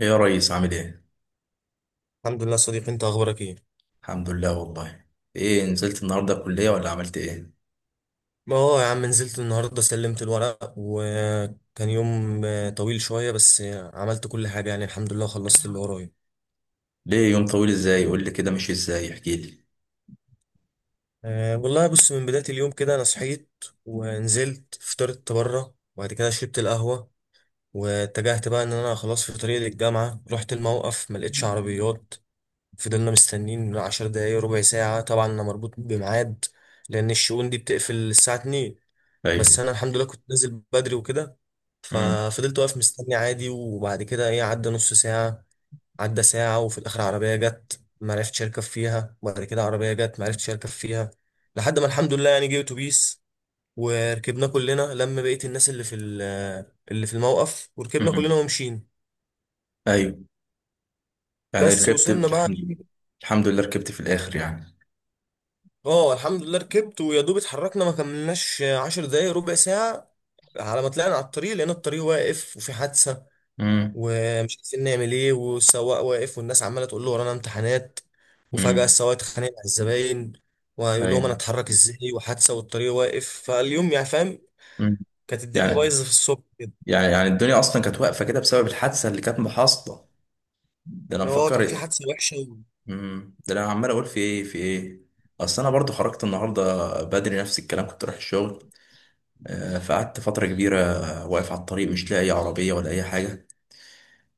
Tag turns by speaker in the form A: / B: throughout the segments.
A: ايه يا ريس، عامل ايه؟
B: الحمد لله صديقي انت اخبارك ايه.
A: الحمد لله والله. ايه، نزلت النهارده الكلية ولا عملت ايه؟
B: ما هو يا عم نزلت النهارده سلمت الورق وكان يوم طويل شويه بس عملت كل حاجه يعني الحمد لله خلصت اللي ورايا.
A: ليه يوم طويل ازاي؟ قول لي كده مشي ازاي، احكي لي.
B: أه والله بص، من بدايه اليوم كده انا صحيت ونزلت فطرت بره وبعد كده شربت القهوه واتجهت بقى ان انا خلاص في طريق للجامعه. رحت الموقف ما لقيتش عربيات، فضلنا مستنيين 10 دقايق ربع ساعه، طبعا انا مربوط بميعاد لان الشؤون دي بتقفل الساعه 2. بس
A: ايوه.
B: انا الحمد لله كنت نازل بدري وكده،
A: امم.
B: ففضلت واقف مستني عادي. وبعد كده ايه عدى نص ساعة، عدى ساعة، وفي الاخر عربية جت ما عرفتش اركب فيها، وبعد كده عربية جت ما عرفتش اركب فيها، لحد ما الحمد لله يعني جه اتوبيس وركبنا كلنا، لما بقيت الناس اللي في اللي في الموقف، وركبنا كلنا
A: امم.
B: ومشينا.
A: ايوه. يعني
B: بس
A: ركبت
B: وصلنا بقى إيه،
A: الحمد الحمد لله ركبت في الاخر يعني.
B: اه الحمد لله ركبت، ويا دوب اتحركنا ما كملناش 10 دقايق ربع ساعة، على ما طلعنا على الطريق لقينا الطريق واقف وفي حادثة،
A: امم.
B: ومش عارفين نعمل ايه، والسواق واقف والناس عماله تقول له ورانا امتحانات، وفجاه
A: امم.
B: السواق اتخانق مع الزباين ويقول لهم انا
A: ايوه.
B: اتحرك ازاي وحادثه والطريق واقف. فاليوم يعني فاهم،
A: امم.
B: كانت الدنيا
A: يعني
B: بايظه في الصبح كده،
A: يعني الدنيا اصلا كانت واقفة كده بسبب الحادثة اللي كانت محاصطة. ده انا
B: اللي هو
A: مفكر.
B: كان في حادثه وحشه.
A: امم. ده انا عمال اقول في ايه في ايه. اصل انا برضو خرجت النهارده بدري نفس الكلام كنت رايح الشغل. فقعدت فترة كبيرة واقف على الطريق، مش لاقي عربية ولا أي حاجة.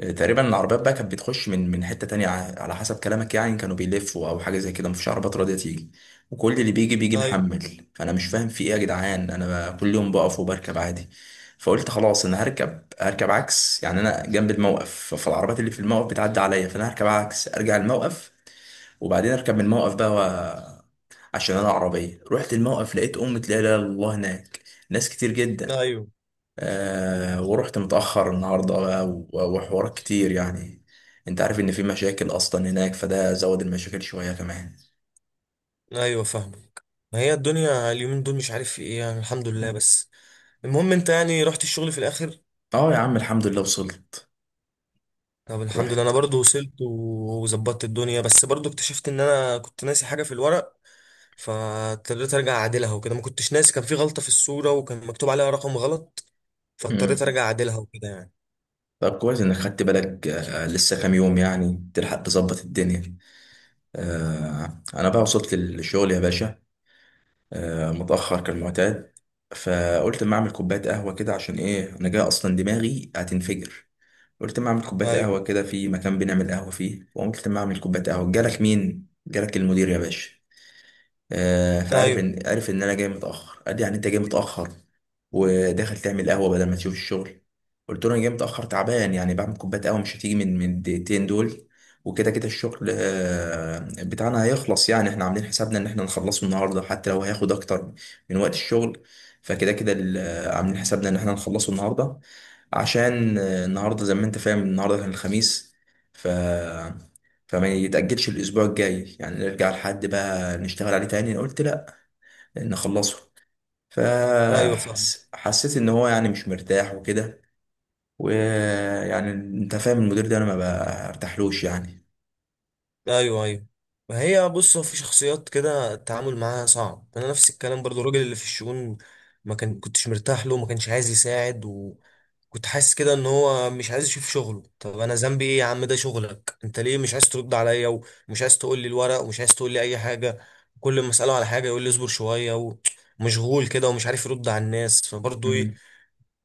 A: تقريبا العربيات بقى كانت بتخش من حتة تانية، على حسب كلامك يعني كانوا بيلفوا أو حاجة زي كده، مفيش عربيات راضية تيجي. وكل اللي بيجي بيجي
B: ايوه،
A: محمل، فأنا مش فاهم في إيه يا جدعان، أنا كل يوم بقف وبركب عادي. فقلت خلاص أنا هركب هركب عكس، يعني أنا جنب الموقف، فالعربيات اللي في الموقف بتعدي عليا، فأنا هركب عكس أرجع الموقف. وبعدين أركب من الموقف بقى و... عشان أنا عربية رحت الموقف لقيت أمة لا إله إلا الله هناك، ناس كتير جدا.
B: ايوه،
A: آه، ورحت متأخر النهاردة بقى وحوارات كتير يعني. انت عارف ان في مشاكل اصلا هناك، فده زود المشاكل شوية كمان.
B: ايوه فاهمك. ما هي الدنيا اليومين دول مش عارف في ايه، يعني الحمد لله بس. المهم انت يعني رحت الشغل في الاخر؟
A: اه يا عم، الحمد لله وصلت.
B: طب الحمد لله انا
A: رحت.
B: برضو وصلت وظبطت الدنيا، بس برضو اكتشفت ان انا كنت ناسي حاجه في الورق، فاضطريت ارجع اعدلها وكده. ما كنتش ناسي، كان في غلطة في الصورة وكان مكتوب عليها رقم غلط، فاضطريت
A: مم.
B: ارجع اعدلها وكده يعني.
A: طب كويس انك خدت بالك، لسه كام يوم يعني تلحق تظبط الدنيا. آه، انا بقى وصلت للشغل يا باشا، آه، متأخر كالمعتاد. فقلت اما اعمل كوباية قهوة كده، عشان ايه، انا جاي اصلا دماغي هتنفجر. قلت ما اعمل كوبايه قهوه
B: ايوه،
A: كده في مكان بنعمل قهوه فيه، وقمت ما اعمل كوبايه قهوه جالك مين، جالك المدير يا باشا. فعارف
B: ايوه،
A: ان عارف ان انا جاي متاخر، قال لي يعني انت جاي متاخر وداخل تعمل قهوه بدل ما تشوف الشغل. قلت له انا جاي متاخر تعبان يعني بعمل كوبايه قهوه، مش هتيجي من الدقيقتين دول. وكده كده الشغل بتاعنا هيخلص، يعني احنا عاملين حسابنا ان احنا نخلصه النهارده حتى لو هياخد اكتر من وقت الشغل. فكده كده عاملين حسابنا ان احنا نخلصه النهارده، عشان النهارده زي ما انت فاهم النهارده كان الخميس. ف فما يتأجلش الأسبوع الجاي، يعني نرجع لحد بقى نشتغل عليه تاني، أنا قلت لأ، نخلصه.
B: ايوه فاهم.
A: فحسيت إن هو يعني مش مرتاح وكده. ويعني أنت فاهم المدير ده أنا ما برتاحلوش يعني.
B: ايوه، ايوه. ما هي بص، هو في شخصيات كده التعامل معاها صعب. انا نفس الكلام برضو، الراجل اللي في الشؤون ما كان كنتش مرتاح له، ما كانش عايز يساعد، كنت حاسس كده ان هو مش عايز يشوف شغله. طب انا ذنبي ايه يا عم؟ ده شغلك انت، ليه مش عايز ترد عليا ومش عايز تقول لي الورق ومش عايز تقول لي اي حاجه؟ كل ما اساله على حاجه يقول لي اصبر شويه، ومشغول كده ومش عارف يرد على الناس. فبرضه ايه
A: مم.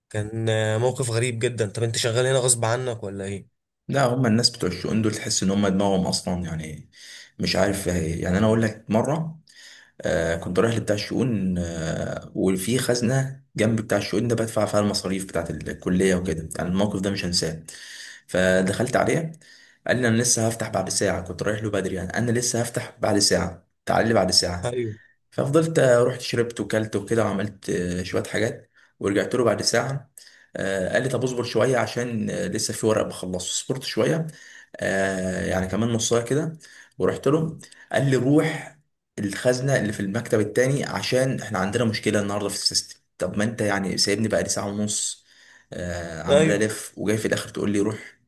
B: كان موقف غريب جدا. طب انت شغال هنا غصب عنك ولا ايه؟
A: لا، هما الناس بتوع الشؤون دول تحس إن هما دماغهم أصلا يعني مش عارف. يعني أنا أقول لك مرة، آه، كنت رايح لبتاع الشؤون، وفي خزنة جنب بتاع الشؤون ده بدفع فيها المصاريف بتاعة الكلية وكده، يعني الموقف ده مش هنساه. فدخلت عليه، قال لي أنا لسه هفتح بعد ساعة، كنت رايح له بدري يعني، أنا لسه هفتح بعد ساعة، تعال لي بعد ساعة.
B: ايوه،
A: ففضلت، رحت شربت وكلت وكده، وعملت شوية حاجات. ورجعت له بعد ساعة. قال لي طب اصبر شوية عشان لسه في ورق بخلصه. صبرت شوية، يعني كمان نص ساعة كده. ورحت له، قال لي روح الخزنة اللي في المكتب التاني عشان احنا عندنا مشكلة النهاردة في السيستم. طب ما انت يعني سايبني بقى لي ساعة ونص، عمال
B: ايوه،
A: الف وجاي في الاخر تقول لي روح.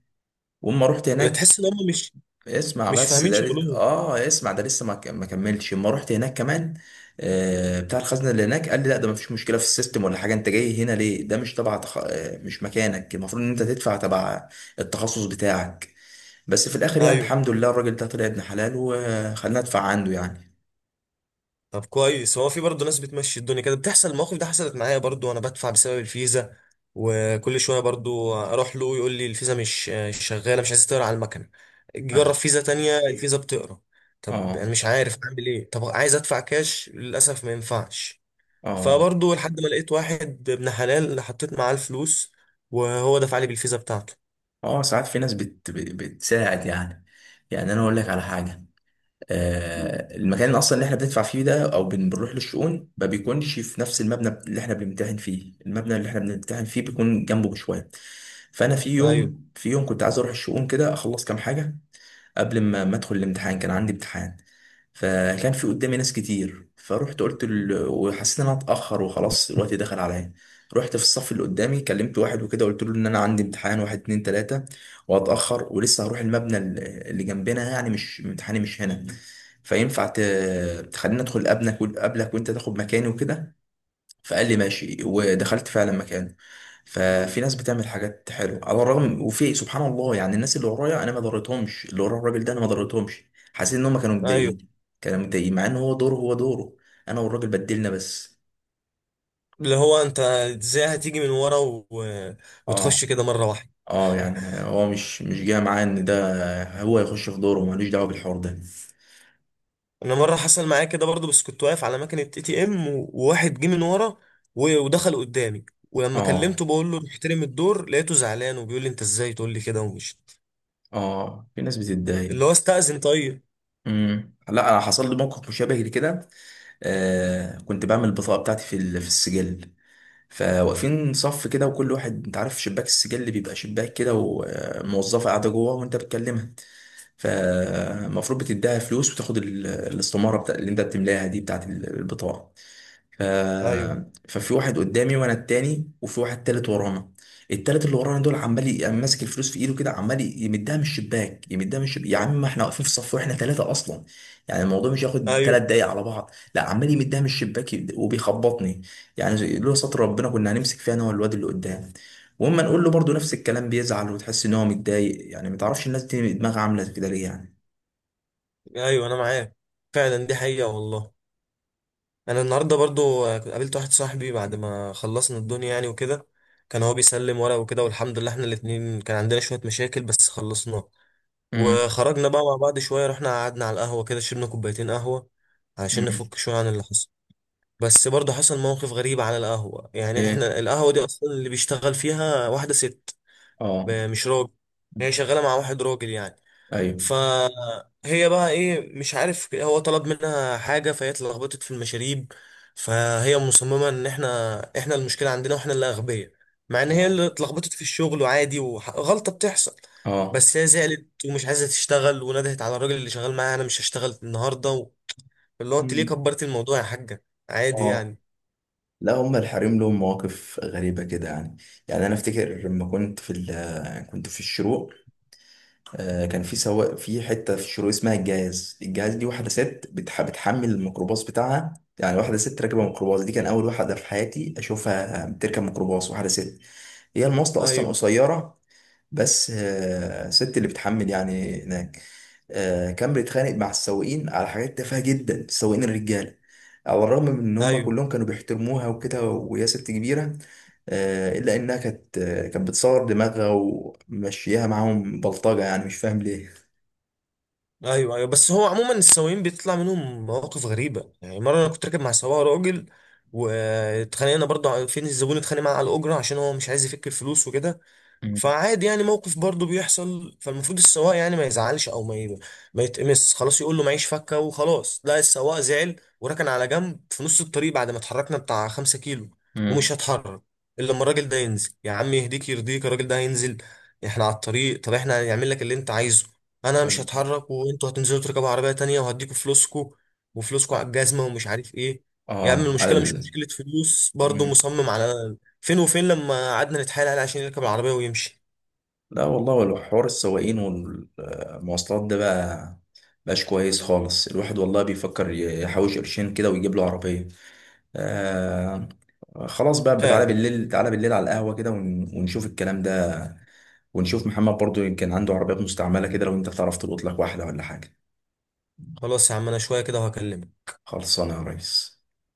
A: واما رحت هناك،
B: بتحس ان هم مش
A: اسمع
B: مش
A: بس
B: فاهمين
A: ده لس-
B: شغلهم.
A: اه اسمع ده لسه ما كملش، اما رحت هناك كمان بتاع الخزنه اللي هناك قال لي لا ده ما فيش مشكله في السيستم ولا حاجه، انت جاي هنا ليه، ده مش تبع تخ... آه، مش مكانك، المفروض ان انت تدفع تبع التخصص بتاعك. بس في الاخر يعني
B: ايوه.
A: الحمد لله الراجل ده طلع ابن حلال وخلنا ندفع عنده يعني.
B: طب كويس، هو في برضه ناس بتمشي الدنيا كده، بتحصل المواقف. ده حصلت معايا برضه وانا بدفع بسبب الفيزا، وكل شويه برضه اروح له يقول لي الفيزا مش شغاله، مش عايز تقرا على المكنه. أجي اجرب
A: قال-
B: فيزا تانية، الفيزا بتقرا. طب
A: اه
B: انا مش عارف اعمل ايه، طب عايز ادفع كاش للاسف ما ينفعش.
A: اه
B: فبرضه لحد ما لقيت واحد ابن حلال اللي حطيت معاه الفلوس وهو دفع لي بالفيزا بتاعته.
A: اه. ساعات في ناس بتساعد يعني. يعني انا اقول لك على حاجه، المكان اصلا اللي احنا بندفع فيه ده او بنروح للشؤون ما بيكونش في نفس المبنى اللي احنا بنمتحن فيه، المبنى اللي احنا بنمتحن فيه بيكون جنبه بشويه. فانا في
B: ايوه،
A: يوم في يوم كنت عايز اروح الشؤون كده اخلص كام حاجه قبل ما ادخل الامتحان، كان عندي امتحان. فكان في قدامي ناس كتير، فروحت قلت وحسيت ان انا اتاخر وخلاص الوقت دخل عليا. رحت في الصف اللي قدامي كلمت واحد وكده، قلت له ان انا عندي امتحان واحد اتنين تلاته وهتاخر ولسه هروح المبنى اللي جنبنا يعني، مش امتحاني مش هنا. فينفع تخليني ادخل قبلك وانت تاخد مكاني وكده. فقال لي ماشي ودخلت فعلا مكانه. ففي ناس بتعمل حاجات حلوه على الرغم وفي سبحان الله، يعني الناس اللي ورايا انا ما ضريتهمش، اللي ورا الراجل ده انا ما ضريتهمش، حسيت ان هم كانوا
B: ايوه،
A: متضايقين، كانوا متضايقين مع ان هو دوره هو دوره، انا والراجل بدلنا بس.
B: اللي هو انت ازاي هتيجي من ورا
A: اه.
B: وتخش كده مره واحده.
A: اه. يعني هو مش جاي معاه ان ده هو يخش في دوره، ملوش دعوه بالحوار ده.
B: انا مره حصل معايا كده برضو، بس كنت واقف على مكنه ATM وواحد جه من ورا ودخل قدامي، ولما
A: اه.
B: كلمته بقول له محترم الدور لقيته زعلان وبيقول لي انت ازاي تقول لي كده ومش
A: اه. في ناس بتتضايق.
B: اللي هو استأذن طيب.
A: امم. لا، انا حصل لي موقف مشابه لكده. آه، كنت بعمل البطاقه بتاعتي في في السجل، فواقفين صف كده وكل واحد، انت عارف شباك السجل اللي بيبقى شباك كده وموظفه قاعده جوه وانت بتكلمها، فالمفروض بتديها فلوس وتاخد الاستماره بتاع اللي انت بتملاها دي بتاعت البطاقه. ف...
B: ايوه،
A: ففي واحد قدامي وانا التاني وفي واحد تالت ورانا. التالت اللي ورانا دول عمال قام ماسك الفلوس في ايده كده، عمال يمدها من الشباك يمدها من الشباك يا عم، ما احنا واقفين في صف واحنا ثلاثة اصلا، يعني الموضوع مش هياخد ثلاث
B: ايوه،
A: دقايق على بعض، لا عمال يمدها من الشباك وبيخبطني. يعني لولا ستر ربنا كنا هنمسك فيها انا والواد اللي قدام. واما نقول له برضه نفس الكلام بيزعل وتحس ان هو متضايق يعني، ما تعرفش الناس دي دماغها عامله كده ليه يعني.
B: ايوه انا معاك، فعلا دي حقيقه والله. انا النهارده برضو قابلت واحد صاحبي بعد ما خلصنا الدنيا يعني وكده، كان هو بيسلم ورق وكده، والحمد لله احنا الاتنين كان عندنا شويه مشاكل بس خلصناها.
A: امم.
B: وخرجنا بقى مع بعض شوية، رحنا قعدنا على القهوة كده، شربنا كوبايتين قهوة علشان
A: امم.
B: نفك شوية عن اللي حصل. بس برضه حصل موقف غريب على القهوة. يعني
A: ايه.
B: احنا القهوة دي أصلا اللي بيشتغل فيها واحدة ست،
A: اه.
B: مش راجل، هي شغالة مع واحد راجل يعني.
A: ايوه.
B: فهي بقى ايه، مش عارف هو طلب منها حاجة فهي اتلخبطت في المشاريب، فهي مصممة ان احنا المشكلة عندنا واحنا اللي اغبياء، مع ان هي اللي اتلخبطت في الشغل وعادي وغلطة بتحصل.
A: اه.
B: بس هي زعلت ومش عايزة تشتغل، وندهت على الراجل اللي شغال معاها انا مش هشتغل النهاردة، اللي هو انت ليه
A: مم.
B: كبرت الموضوع يا حاجة؟ عادي
A: اه.
B: يعني.
A: لا، هم الحريم لهم مواقف غريبة كده يعني. يعني أنا أفتكر لما كنت في كنت في الشروق، آه، كان في سواق في حتة في الشروق اسمها الجاز، الجاز دي واحدة ست بتحمل الميكروباص بتاعها، يعني واحدة ست راكبة ميكروباص دي، كان أول واحدة في حياتي أشوفها بتركب ميكروباص واحدة ست، هي المواصلة أصلا
B: ايوه،
A: قصيرة، بس آه، الست اللي بتحمل يعني هناك، آه، كان بيتخانق مع السواقين على حاجات تافهة جدا، السواقين الرجالة على الرغم من ان هم
B: ايوه،
A: كلهم كانوا بيحترموها وكده وهي ست كبيرة، آه، الا انها كانت كانت بتصور دماغها ومشيها معاهم بلطجة، يعني مش فاهم ليه.
B: ايوه، ايوه. بس هو عموما السواقين بيطلع منهم مواقف غريبه يعني. مره انا كنت راكب مع سواق راجل، واتخانقنا برضه فين الزبون اتخانق معاه على الاجره عشان هو مش عايز يفك الفلوس وكده.
A: مم.
B: فعادي يعني، موقف برضه بيحصل، فالمفروض السواق يعني ما يزعلش او ما يتقمص خلاص، يقول له معيش فكه وخلاص. لا، السواق زعل وركن على جنب في نص الطريق بعد ما اتحركنا بتاع 5 كيلو، ومش
A: مم.
B: هتحرك الا لما الراجل ده ينزل. يا عم يهديك، يرضيك الراجل ده هينزل، احنا على الطريق، طب احنا هنعمل لك اللي انت عايزه. انا مش
A: طيب.
B: هتحرك وانتوا هتنزلوا تركبوا عربيه تانية وهديكوا فلوسكوا، وفلوسكوا على الجزمه ومش عارف ايه. يا عم
A: اه على
B: المشكله مش
A: ال.
B: مشكله فلوس، برضه
A: مم.
B: مصمم على فين وفين. لما قعدنا نتحايل عليه عشان يركب العربية ويمشي.
A: لا والله، ولو حوار السواقين والمواصلات ده بقى مبقاش كويس خالص، الواحد والله بيفكر يحوش قرشين كده ويجيب له عربية. آه. خلاص بقى، تعالى
B: فعلا.
A: بالليل تعالى بالليل على القهوة كده ونشوف الكلام ده، ونشوف محمد برضو يمكن عنده عربيات مستعملة كده، لو انت تعرف تلقط لك واحدة ولا حاجة.
B: خلاص يا عم، انا شوية كده وهكلمك.
A: خلصانة يا ريس.